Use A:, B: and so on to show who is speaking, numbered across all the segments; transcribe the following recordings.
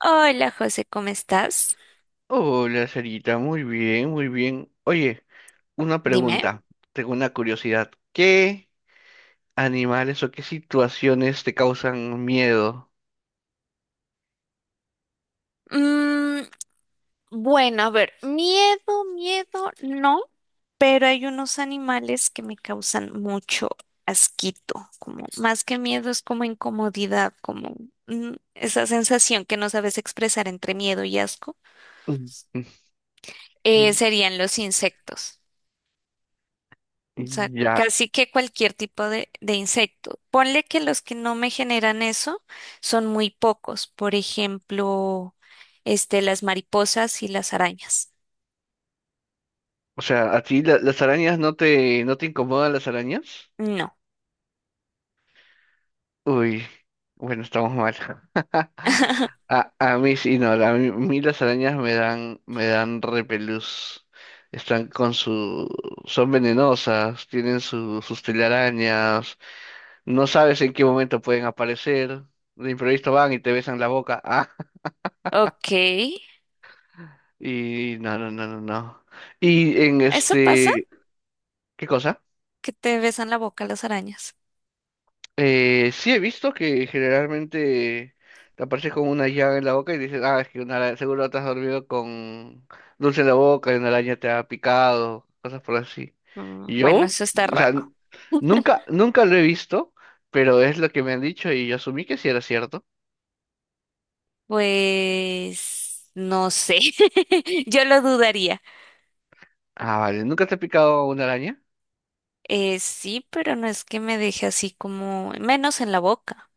A: Hola José, ¿cómo estás?
B: Hola, Sarita, muy bien, muy bien. Oye, una
A: Dime.
B: pregunta, tengo una curiosidad. ¿Qué animales o qué situaciones te causan miedo?
A: Mm, bueno, a ver, miedo, miedo, no, pero hay unos animales que me causan mucho asquito, como más que miedo es como incomodidad, como esa sensación que no sabes expresar entre miedo y asco,
B: Mm.
A: serían los insectos. O sea,
B: Mm. Ya,
A: casi que cualquier tipo de insecto. Ponle que los que no me generan eso son muy pocos. Por ejemplo, las mariposas y las arañas.
B: o sea, ¿a ti las arañas no te, no te incomodan las arañas?
A: No.
B: Uy, bueno, estamos mal. A mí sí, no, a mí las arañas me dan repelús. Están con su, son venenosas, tienen sus telarañas. No sabes en qué momento pueden aparecer. De imprevisto van y te besan la boca. Ah,
A: Ok.
B: y no, no, no, no, no. Y en
A: ¿Eso pasa?
B: este, ¿Qué cosa?
A: ¿Que te besan la boca las arañas?
B: Sí he visto que generalmente te apareces con una llaga en la boca y dices, ah, es que seguro te has dormido con dulce en la boca y una araña te ha picado, cosas por así.
A: Mm. Bueno,
B: Yo,
A: eso está
B: o sea,
A: raro.
B: nunca, nunca lo he visto, pero es lo que me han dicho y yo asumí que sí era cierto.
A: Pues no sé. Yo lo dudaría.
B: Ah, vale, ¿nunca te ha picado una araña?
A: Sí, pero no es que me deje así como menos en la boca.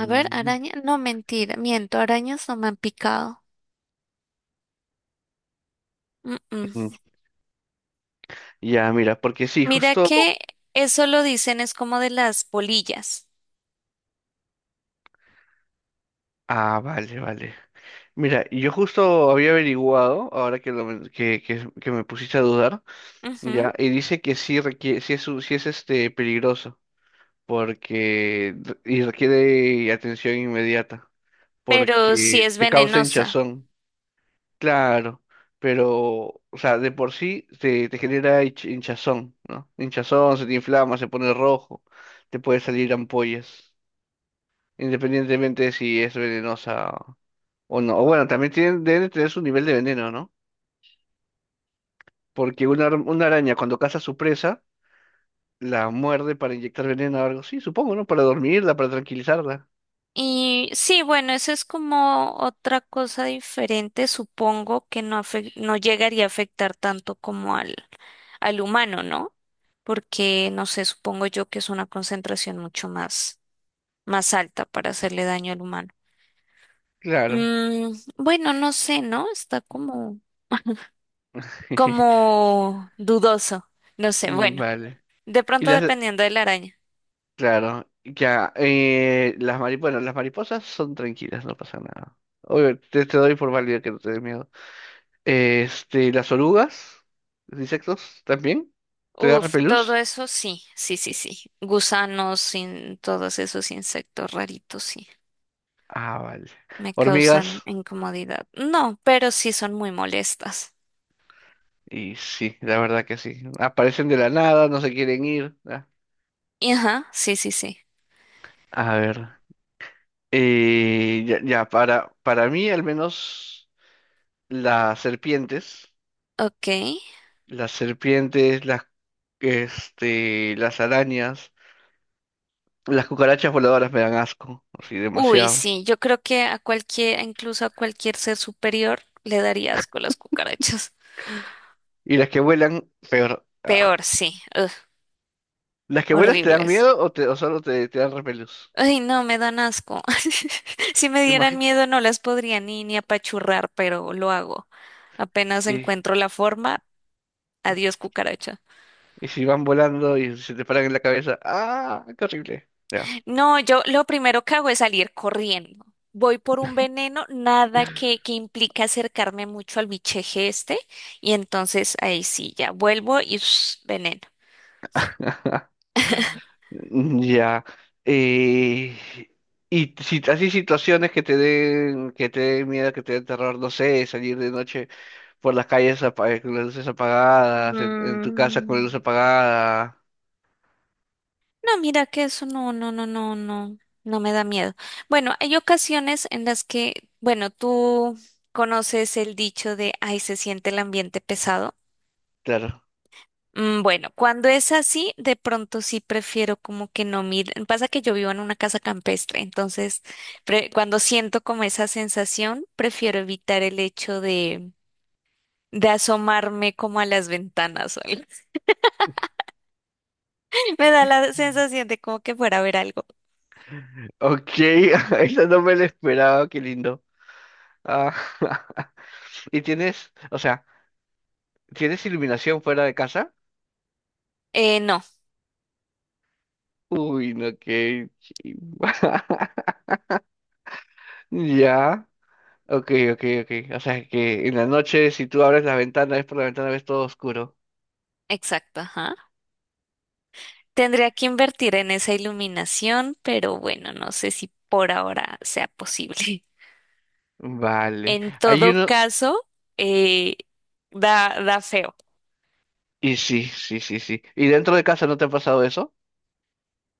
A: A ver, araña, no mentira, miento, arañas no me han picado. Mm,
B: Mm.
A: mm.
B: Ya, mira, porque sí,
A: Mira
B: justo.
A: que eso lo dicen es como de las polillas.
B: Ah, vale, vale. Mira, yo justo había averiguado, ahora que, que me pusiste a dudar,
A: Ujú.
B: ya, y dice que sí requiere, sí es, sí es este peligroso, porque requiere atención inmediata,
A: Pero sí
B: porque
A: es
B: te causa
A: venenosa.
B: hinchazón, claro, pero, o sea, de por sí te genera hinchazón, ¿no? Hinchazón, se te inflama, se pone rojo, te puede salir ampollas, independientemente de si es venenosa o no. O bueno, también tienen, deben de tener su nivel de veneno, ¿no? Porque una araña cuando caza a su presa, la muerde para inyectar veneno o algo así, supongo, ¿no? Para dormirla, para tranquilizarla.
A: Y sí, bueno, eso es como otra cosa diferente, supongo que no, no llegaría a afectar tanto como al, al humano, ¿no? Porque, no sé, supongo yo que es una concentración mucho más, más alta para hacerle daño al humano.
B: Claro.
A: Bueno, no sé, ¿no? Está como como dudoso, no sé,
B: Mm.
A: bueno,
B: Vale.
A: de
B: Y
A: pronto
B: las...
A: dependiendo de la araña.
B: Claro, ya. Bueno, las mariposas son tranquilas, no pasa nada. Oye, te doy por válido que no te dé miedo. Este, las orugas, los insectos, ¿también? ¿Te da
A: Uf, todo
B: repelús?
A: eso sí, sí, sí, sí. Gusanos, sin todos esos insectos raritos, sí,
B: Ah, vale.
A: me causan
B: Hormigas.
A: incomodidad. No, pero sí son muy molestas.
B: Y sí, la verdad que sí. Aparecen de la nada, no se quieren ir. Ah.
A: Y ajá, sí, sí, sí.
B: A ver. Ya, para mí al menos las serpientes,
A: Ok.
B: las serpientes, las, este, las arañas, las cucarachas voladoras me dan asco, así
A: Uy,
B: demasiado.
A: sí, yo creo que a cualquier, incluso a cualquier ser superior, le daría asco las cucarachas.
B: Y las que vuelan, peor. Ah.
A: Peor, sí. Ugh,
B: ¿Las que vuelas te dan
A: horribles.
B: miedo o, te, o solo te, te dan repelús?
A: Ay, no, me dan asco. Si me dieran
B: Imagínate.
A: miedo no las podría ni, ni apachurrar, pero lo hago. Apenas
B: Y,
A: encuentro la forma, adiós cucaracha.
B: y si van volando y se te paran en la cabeza, ¡ah! ¡Qué horrible! Ya.
A: No, yo lo primero que hago es salir corriendo. Voy por un veneno, nada que, que implica acercarme mucho al bicheje este, y entonces ahí sí, ya vuelvo y veneno.
B: Ya. eh, y si así situaciones que te den miedo, que te den terror, no sé, salir de noche por las calles con las luces apagadas, en tu casa con la luz
A: Mm.
B: apagada.
A: No, mira que eso no, no, no, no, no, no me da miedo. Bueno, hay ocasiones en las que, bueno, tú conoces el dicho de, ay, se siente el ambiente pesado.
B: Claro.
A: Bueno, cuando es así, de pronto sí prefiero como que no mir. Pasa que yo vivo en una casa campestre, entonces cuando siento como esa sensación, prefiero evitar el hecho de asomarme como a las ventanas o algo. Me da la sensación de como que fuera a ver algo.
B: Ok. Eso no me lo esperaba, qué lindo. Ah. ¿Y tienes, o sea, tienes iluminación fuera de casa?
A: No,
B: Uy, no, qué... chimba. Ya. Ok, ok, ok. O sea que en la noche, si tú abres la ventana, ves por la ventana, ves todo oscuro.
A: exacto, ajá. Tendría que invertir en esa iluminación, pero bueno, no sé si por ahora sea posible.
B: Vale.
A: En
B: Hay
A: todo
B: uno.
A: caso, eh, da, da feo.
B: Y sí, sí, sí, sí. ¿Y dentro de casa no te ha pasado eso?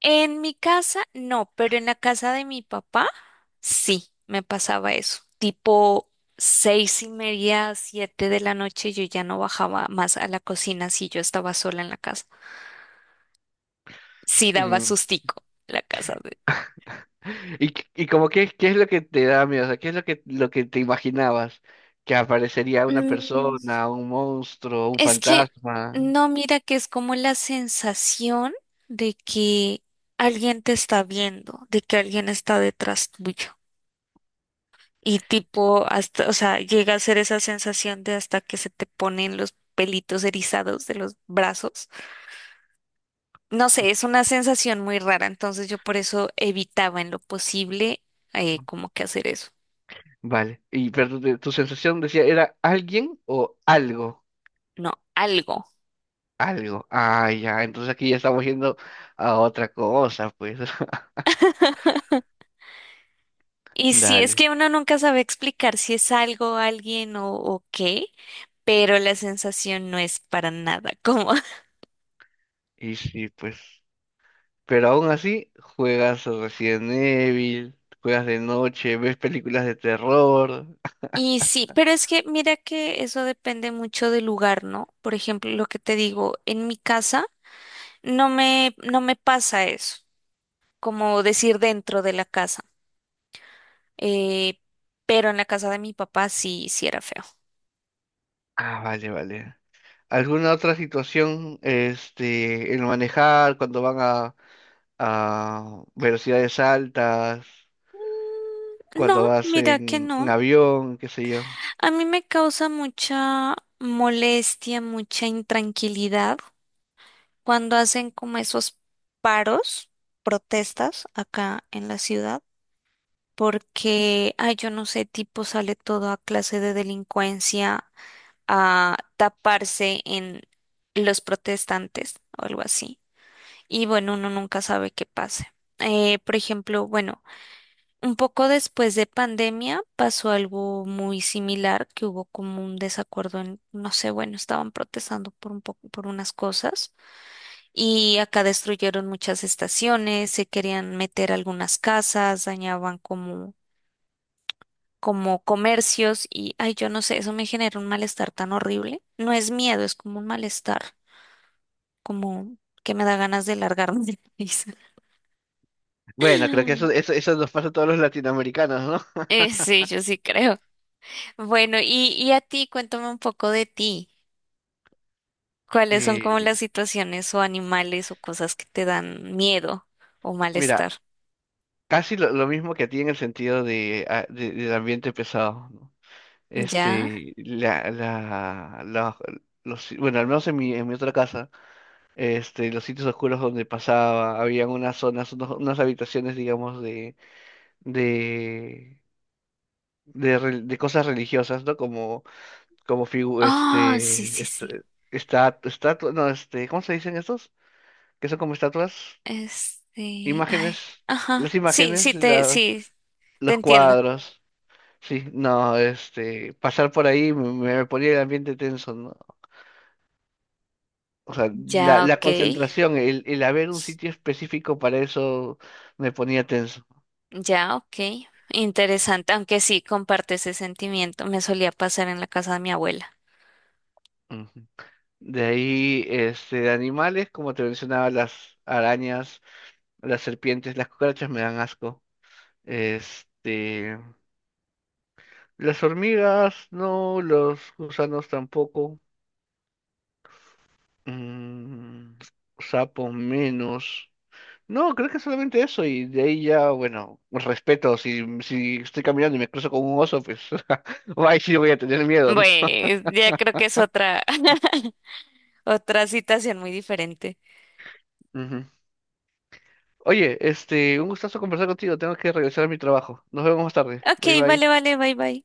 A: En mi casa, no, pero en la casa de mi papá, sí, me pasaba eso. Tipo 6:30, 7 de la noche, yo ya no bajaba más a la cocina si yo estaba sola en la casa. Sí daba
B: Mm.
A: sustico la casa de...
B: Y como qué, ¿qué es lo que te da miedo? O sea, ¿qué es lo que te imaginabas? Que aparecería una
A: Mm.
B: persona, un monstruo, un
A: Es que
B: fantasma.
A: no mira que es como la sensación de que alguien te está viendo, de que alguien está detrás tuyo. Y tipo, hasta, o sea, llega a ser esa sensación de hasta que se te ponen los pelitos erizados de los brazos. No sé, es una sensación muy rara, entonces yo por eso evitaba en lo posible como que hacer eso.
B: Vale. Y pero tu sensación decía, ¿era alguien o algo?
A: No, algo.
B: Algo. Ah, ya. Entonces aquí ya estamos yendo a otra cosa, pues.
A: Y si es
B: Dale.
A: que uno nunca sabe explicar si es algo, alguien o qué, pero la sensación no es para nada cómoda.
B: Y sí, pues. Pero aún así, juegas Resident Evil, juegas de noche, ves películas de terror.
A: Y sí, pero es que mira que eso depende mucho del lugar, ¿no? Por ejemplo, lo que te digo, en mi casa no me, no me pasa eso, como decir dentro de la casa, eh, pero en la casa de mi papá sí, sí era feo.
B: Ah, vale, vale. ¿Alguna otra situación, este, el manejar, cuando van a velocidades altas, cuando
A: No,
B: vas
A: mira que
B: en
A: no.
B: avión, qué sé yo?
A: A mí me causa mucha molestia, mucha intranquilidad cuando hacen como esos paros, protestas acá en la ciudad, porque, ay, yo no sé, tipo sale toda clase de delincuencia a taparse en los protestantes o algo así. Y bueno, uno nunca sabe qué pase. Por ejemplo, bueno, un poco después de pandemia pasó algo muy similar, que hubo como un desacuerdo en, no sé, bueno, estaban protestando por un poco, por unas cosas. Y acá destruyeron muchas estaciones, se querían meter algunas casas, dañaban como, como comercios y, ay, yo no sé, eso me genera un malestar tan horrible. No es miedo, es como un malestar, como que me da ganas de largarme de la risa.
B: Bueno, creo que eso, eso, eso nos pasa a todos los latinoamericanos, ¿no?
A: Sí, yo sí creo. Bueno, y a ti, cuéntame un poco de ti. ¿Cuáles son como
B: Eh,
A: las situaciones o animales o cosas que te dan miedo o malestar?
B: mira, casi lo mismo que a ti en el sentido de, del ambiente pesado, ¿no?
A: ¿Ya?
B: Este, los, bueno, al menos en mi otra casa, este, los sitios oscuros donde pasaba, habían unas zonas, unas habitaciones, digamos, de, de, de cosas religiosas, ¿no? Como, como figu- este,
A: Oh, sí, sí,
B: este,
A: sí.
B: esta- estatu- no, este, ¿cómo se dicen estos? Que son como estatuas,
A: Ay,
B: imágenes, las
A: ajá, sí,
B: imágenes,
A: sí, te
B: los
A: entiendo.
B: cuadros. Sí, no, este, pasar por ahí me, me ponía el ambiente tenso, ¿no? O sea, la,
A: Ya,
B: la
A: ok,
B: concentración, el haber un sitio específico para eso me ponía tenso.
A: ya, ok. Interesante, aunque sí comparte ese sentimiento. Me solía pasar en la casa de mi abuela.
B: Ujú. De ahí, este, de animales, como te mencionaba, las arañas, las serpientes, las cucarachas me dan asco. Este, las hormigas, no, los gusanos tampoco. Mm, sapos menos. No, creo que solamente eso y de ahí ya, bueno, respeto, si, si estoy caminando y me cruzo con un oso, pues, ay, sí voy a tener miedo, ¿no?
A: Bueno, ya creo que es otra, otra situación muy diferente.
B: Ujú. Oye, este, un gustazo conversar contigo. Tengo que regresar a mi trabajo. Nos vemos más tarde. Bye
A: Ok,
B: bye.
A: vale, vale, bye, bye.